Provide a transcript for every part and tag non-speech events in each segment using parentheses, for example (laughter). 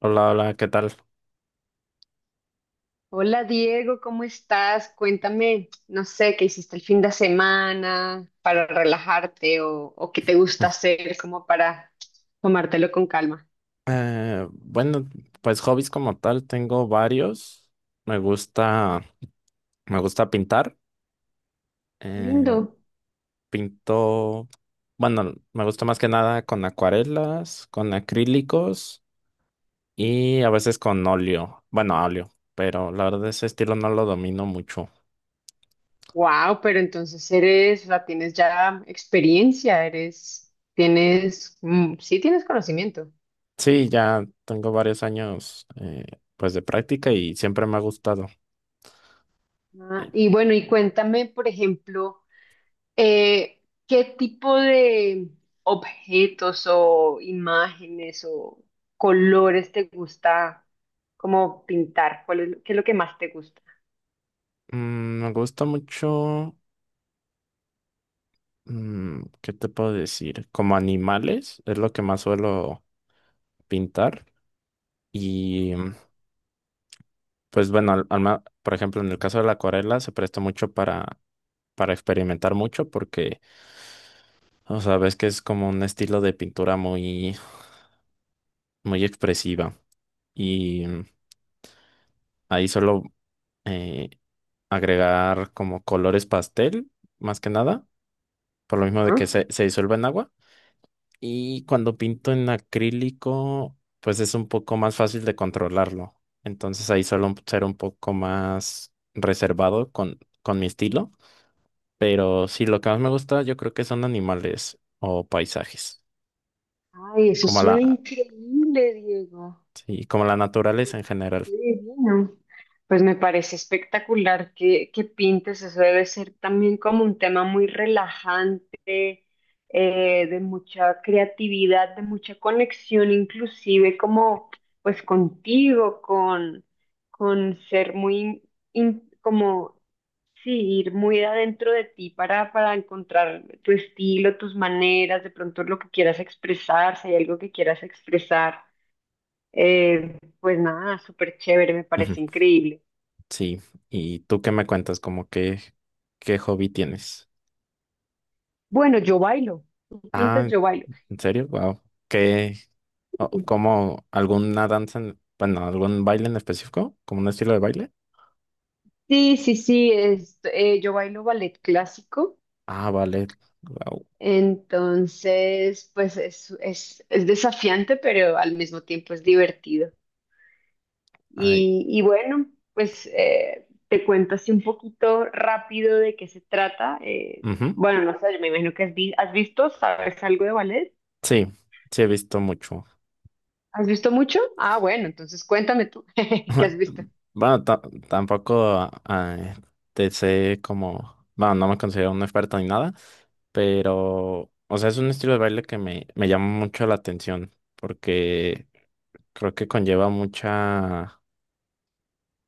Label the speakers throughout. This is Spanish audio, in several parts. Speaker 1: Hola, hola, ¿qué tal?
Speaker 2: Hola Diego, ¿cómo estás? Cuéntame, no sé, ¿qué hiciste el fin de semana para relajarte o qué te gusta hacer como para tomártelo con calma?
Speaker 1: Eh, bueno, pues hobbies como tal tengo varios. Me gusta, me gusta pintar.
Speaker 2: Lindo.
Speaker 1: eh, pinto, bueno, me gusta más que nada con acuarelas, con acrílicos y a veces con óleo. Bueno, óleo, pero la verdad ese estilo no lo domino mucho.
Speaker 2: Wow, pero entonces eres, o tienes ya experiencia, eres, tienes, sí tienes conocimiento.
Speaker 1: Sí, ya tengo varios años pues de práctica y siempre me ha gustado.
Speaker 2: Ah,
Speaker 1: Y,
Speaker 2: y bueno, y cuéntame, por ejemplo, Eh, ¿qué tipo de objetos o imágenes o colores te gusta como pintar? ¿Cuál es, qué es lo que más te gusta?
Speaker 1: mm, me gusta mucho. ¿Qué te puedo decir? Como animales es lo que más suelo pintar y
Speaker 2: Ajá,
Speaker 1: mm, pues bueno, por ejemplo, en el caso de la acuarela se presta mucho para experimentar mucho porque, o sea, ves que es como un estilo de pintura muy expresiva y mm, ahí suelo eh, agregar como colores pastel, más que nada, por lo mismo de que
Speaker 2: ajá.
Speaker 1: se disuelve en agua. Y cuando pinto en acrílico, pues es un poco más fácil de controlarlo. Entonces ahí suelo ser un poco más reservado con mi estilo. Pero sí, lo que más me gusta yo creo que son animales o paisajes.
Speaker 2: Ay, eso
Speaker 1: Como
Speaker 2: suena
Speaker 1: la,
Speaker 2: increíble, Diego.
Speaker 1: sí, como la naturaleza en general.
Speaker 2: Qué divino. Pues me parece espectacular que pintes, eso debe ser también como un tema muy relajante, de mucha creatividad, de mucha conexión, inclusive como pues contigo, con ser muy, como, sí, ir muy adentro de ti para encontrar tu estilo, tus maneras, de pronto lo que quieras expresar, si hay algo que quieras expresar. Pues nada, súper chévere, me
Speaker 1: Ujú.
Speaker 2: parece increíble.
Speaker 1: Sí. ¿Y tú qué me cuentas? ¿Qué hobby tienes?
Speaker 2: Bueno, yo bailo. ¿Tú pintas?
Speaker 1: Ah,
Speaker 2: Yo bailo.
Speaker 1: ¿en serio? Wow. ¿Qué? ¿Cómo alguna danza bueno, algún baile en específico? ¿Como un estilo de baile?
Speaker 2: Sí, sí, sí, yo bailo ballet clásico,
Speaker 1: Ah, vale. Guau.
Speaker 2: entonces pues es desafiante, pero al mismo tiempo es divertido.
Speaker 1: Ay.
Speaker 2: Y bueno, pues te cuento así un poquito rápido de qué se trata.
Speaker 1: Ujú.
Speaker 2: Bueno, no sé, yo me imagino que has visto, ¿sabes algo de ballet?
Speaker 1: Sí, sí he visto mucho.
Speaker 2: ¿Has visto mucho? Ah, bueno, entonces cuéntame tú, (laughs) ¿qué has visto?
Speaker 1: Bueno, tampoco te sé como, bueno, no me considero un experto ni nada, pero, o sea, es un estilo de baile que me llama mucho la atención porque creo que conlleva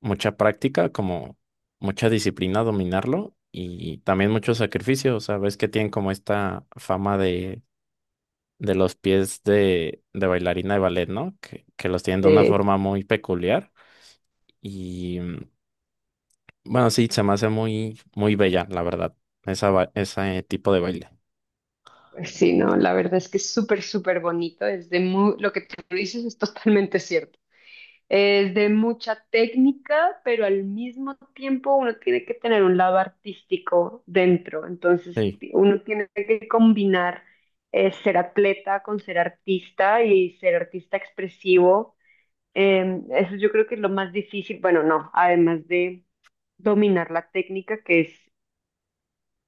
Speaker 1: mucha práctica, como mucha disciplina dominarlo y también mucho sacrificio, o sea, ves que tienen como esta fama de los pies de bailarina de ballet, ¿no? Que los tienen de una forma muy peculiar. Y mm, bueno, sí, se me hace muy bella, la verdad, ese tipo de baile.
Speaker 2: Pues sí, no, la verdad es que es súper, súper bonito. Es de lo que tú dices es totalmente cierto. Es de mucha técnica, pero al mismo tiempo uno tiene que tener un lado artístico dentro. Entonces,
Speaker 1: Sí,
Speaker 2: uno tiene que combinar ser atleta con ser artista y ser artista expresivo. Eso yo creo que es lo más difícil. Bueno, no, además de dominar la técnica, que es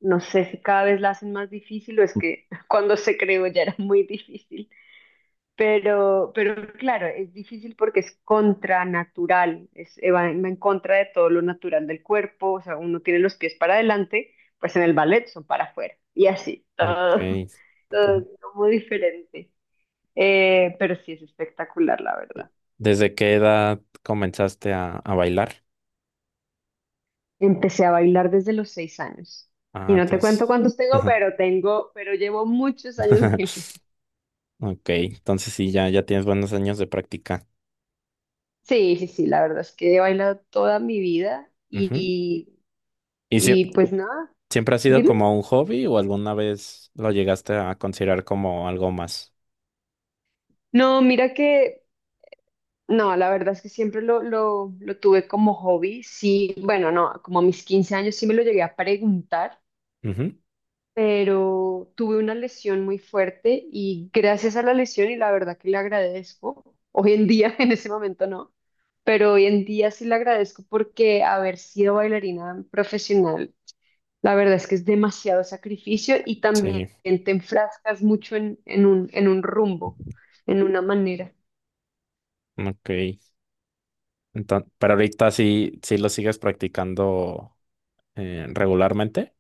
Speaker 2: no sé si cada vez la hacen más difícil o es que (laughs) cuando se creó ya era muy difícil. Pero claro, es difícil porque es contranatural, va en contra de todo lo natural del cuerpo, o sea, uno tiene los pies para adelante, pues en el ballet son para afuera, y así, todo,
Speaker 1: ok.
Speaker 2: (laughs) todo
Speaker 1: Ujú.
Speaker 2: muy diferente. Pero sí es espectacular, la verdad.
Speaker 1: ¿Desde qué edad comenzaste a bailar?
Speaker 2: Empecé a bailar desde los 6 años,
Speaker 1: Ah,
Speaker 2: y no te
Speaker 1: entonces.
Speaker 2: cuento cuántos tengo,
Speaker 1: Ajá.
Speaker 2: pero llevo muchos años.
Speaker 1: (laughs)
Speaker 2: (laughs)
Speaker 1: Ok, entonces sí, ya tienes buenos años de práctica.
Speaker 2: Sí, sí, sí, la verdad es que he bailado toda mi vida
Speaker 1: Ujú.
Speaker 2: y,
Speaker 1: ¿Y sie-
Speaker 2: y pues nada,
Speaker 1: ¿siempre ha sido
Speaker 2: dime.
Speaker 1: como un hobby o alguna vez lo llegaste a considerar como algo más?
Speaker 2: No, mira que, no, la verdad es que siempre lo tuve como hobby, sí, bueno, no, como a mis 15 años sí me lo llegué a preguntar,
Speaker 1: Ujú.
Speaker 2: pero tuve una lesión muy fuerte y gracias a la lesión y la verdad que le agradezco, hoy en día, (laughs) en ese momento no, pero hoy en día sí le agradezco porque haber sido bailarina profesional, la verdad es que es demasiado sacrificio y también
Speaker 1: Sí.
Speaker 2: te enfrascas mucho en un rumbo, en una manera.
Speaker 1: Ok. Entonces, pero ahorita sí, sí lo sigues practicando regularmente.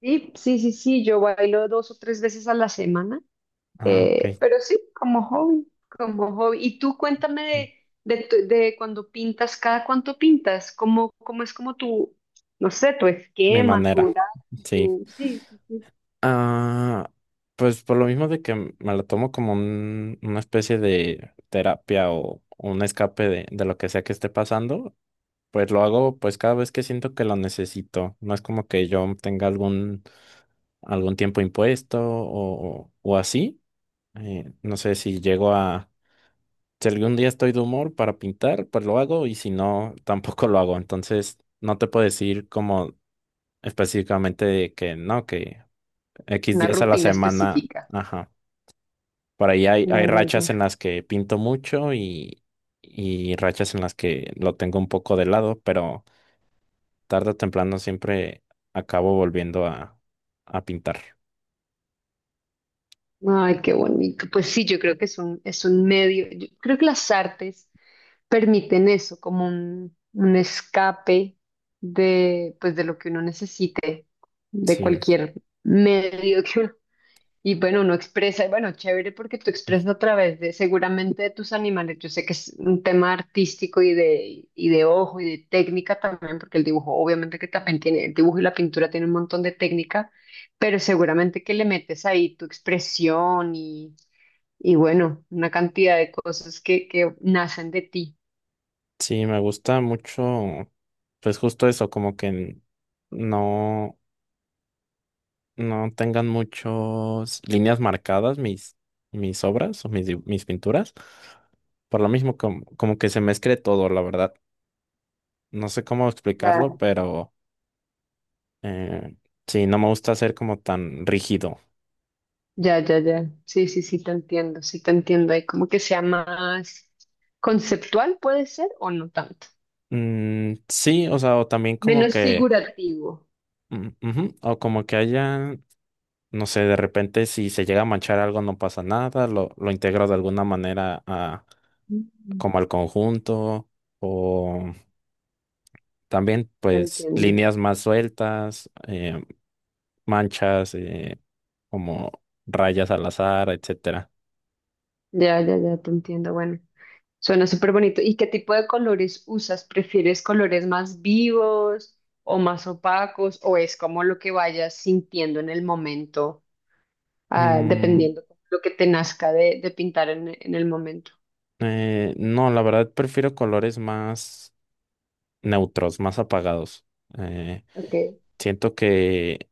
Speaker 2: Sí, sí, sí, sí, yo bailo 2 o 3 veces a la semana,
Speaker 1: Ah, ok.
Speaker 2: pero sí, como hobby, como hobby. Y tú cuéntame de cuando pintas, cada cuánto pintas, cómo es como tu, no sé, tu
Speaker 1: Mi
Speaker 2: esquema, tu
Speaker 1: manera.
Speaker 2: horario,
Speaker 1: Sí.
Speaker 2: sí, sí, sí,
Speaker 1: Ah, pues por lo mismo de que me lo tomo como una especie de terapia o un escape de lo que sea que esté pasando, pues lo hago pues cada vez que siento que lo necesito. No es como que yo tenga algún tiempo impuesto o así. No sé si llego a Si algún día estoy de humor para pintar, pues lo hago y si no, (laughs) tampoco lo hago. Entonces, no te puedo decir como específicamente de que no, que X
Speaker 2: una
Speaker 1: días a la
Speaker 2: rutina
Speaker 1: semana,
Speaker 2: específica.
Speaker 1: ajá. Por ahí hay
Speaker 2: Ya, ya,
Speaker 1: rachas en
Speaker 2: ya.
Speaker 1: las que pinto mucho, y rachas en las que lo tengo un poco de lado, pero tarde o temprano siempre acabo volviendo a pintar.
Speaker 2: Ay, qué bonito. Pues sí, yo creo que es un medio. Yo creo que las artes permiten eso, como un escape de, pues, de lo que uno necesite, de
Speaker 1: Sí.
Speaker 2: cualquier medio que uno, y bueno, uno expresa, y bueno, chévere porque tú expresas a través de, seguramente de tus animales. Yo sé que es un tema artístico y de ojo y de técnica también, porque el dibujo, obviamente que también tiene, el dibujo y la pintura tiene un montón de técnica, pero seguramente que le metes ahí tu expresión y bueno, una cantidad de cosas que nacen de ti.
Speaker 1: Sí, me gusta mucho, pues justo eso, como que no, no tengan muchas líneas marcadas mis obras o mis pinturas. Por lo mismo, como que se mezcle todo, la verdad. No sé cómo explicarlo,
Speaker 2: Claro.
Speaker 1: pero eh, sí, no me gusta ser como tan rígido.
Speaker 2: Ya, ya, ya. Sí, sí, sí, te entiendo, sí, te entiendo. Ahí como que sea más conceptual, puede ser, o no tanto.
Speaker 1: Mm, sí, o sea, o también como
Speaker 2: Menos
Speaker 1: que,
Speaker 2: figurativo.
Speaker 1: mm, ujú, o como que haya, no sé, de repente si se llega a manchar algo no pasa nada, lo integro de alguna manera a,
Speaker 2: Mm,
Speaker 1: como al conjunto, o también
Speaker 2: Te
Speaker 1: pues
Speaker 2: entiendo.
Speaker 1: líneas más sueltas, manchas, como rayas al azar, etcétera.
Speaker 2: Ya, ya, ya, te entiendo. Bueno, suena súper bonito. ¿Y qué tipo de colores usas? ¿Prefieres colores más vivos o más opacos? ¿O es como lo que vayas sintiendo en el momento,
Speaker 1: Mm,
Speaker 2: dependiendo lo que te nazca de pintar en el momento?
Speaker 1: no, la verdad prefiero colores más neutros, más apagados. Eh,
Speaker 2: Ok.
Speaker 1: Siento que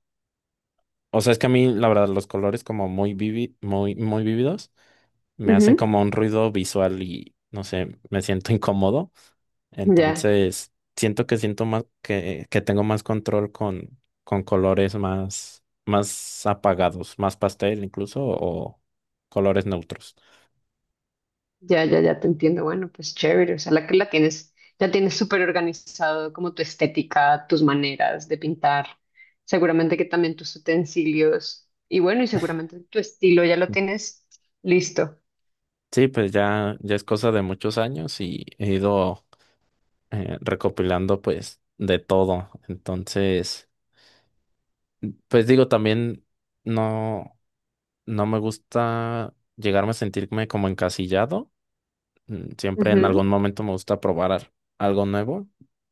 Speaker 1: O sea, es que a mí, la verdad, los colores como muy, muy vívidos me hacen
Speaker 2: Ujú.
Speaker 1: como un ruido visual y no sé, me siento (laughs) incómodo.
Speaker 2: Ya.
Speaker 1: Entonces, siento más que tengo más control con colores más apagados, más pastel incluso, o colores neutros.
Speaker 2: Ya, ya, ya te entiendo. Bueno, pues chévere. O sea, la tienes, ya tienes súper organizado como tu estética, tus maneras de pintar. Seguramente que también tus utensilios. Y bueno, y seguramente tu estilo ya lo tienes listo.
Speaker 1: Sí, pues ya, ya es cosa de muchos años y he ido recopilando pues de todo. Entonces, pues digo, también no. no me gusta llegarme a sentirme como encasillado. Mm, siempre en algún momento me gusta probar algo nuevo.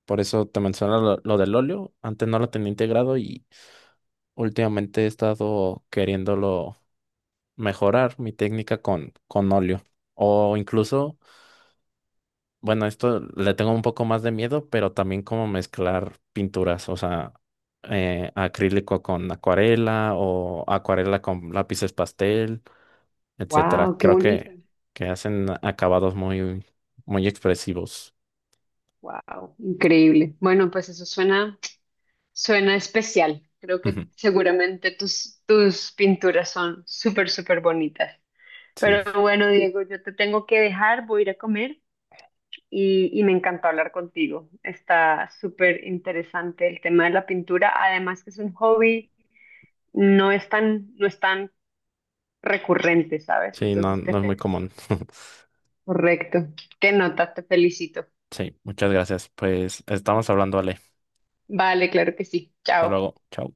Speaker 1: Por eso te menciono lo del óleo. Antes no lo tenía integrado y últimamente he estado queriéndolo mejorar mi técnica con óleo. O incluso, bueno, esto le tengo un poco más de miedo, pero también como mezclar pinturas, o sea, acrílico con acuarela o acuarela con lápices pastel. Etcétera.
Speaker 2: Wow, qué
Speaker 1: Creo
Speaker 2: bonito.
Speaker 1: que hacen acabados muy expresivos.
Speaker 2: Wow, increíble. Bueno, pues eso suena, especial. Creo que
Speaker 1: Ujú.
Speaker 2: seguramente tus pinturas son súper, súper bonitas.
Speaker 1: Sí,
Speaker 2: Pero bueno, Diego, yo te tengo que dejar, voy a ir a comer. Y me encantó hablar contigo. Está súper interesante el tema de la pintura, además que es un hobby, no es tan recurrente, ¿sabes?
Speaker 1: sí, no,
Speaker 2: Entonces te
Speaker 1: no es muy
Speaker 2: felicito.
Speaker 1: común. (laughs)
Speaker 2: Correcto. Qué nota, te felicito.
Speaker 1: Sí, muchas gracias. Pues estamos hablando, Ale.
Speaker 2: Vale, claro que sí.
Speaker 1: Hasta
Speaker 2: Chao.
Speaker 1: luego. Chao.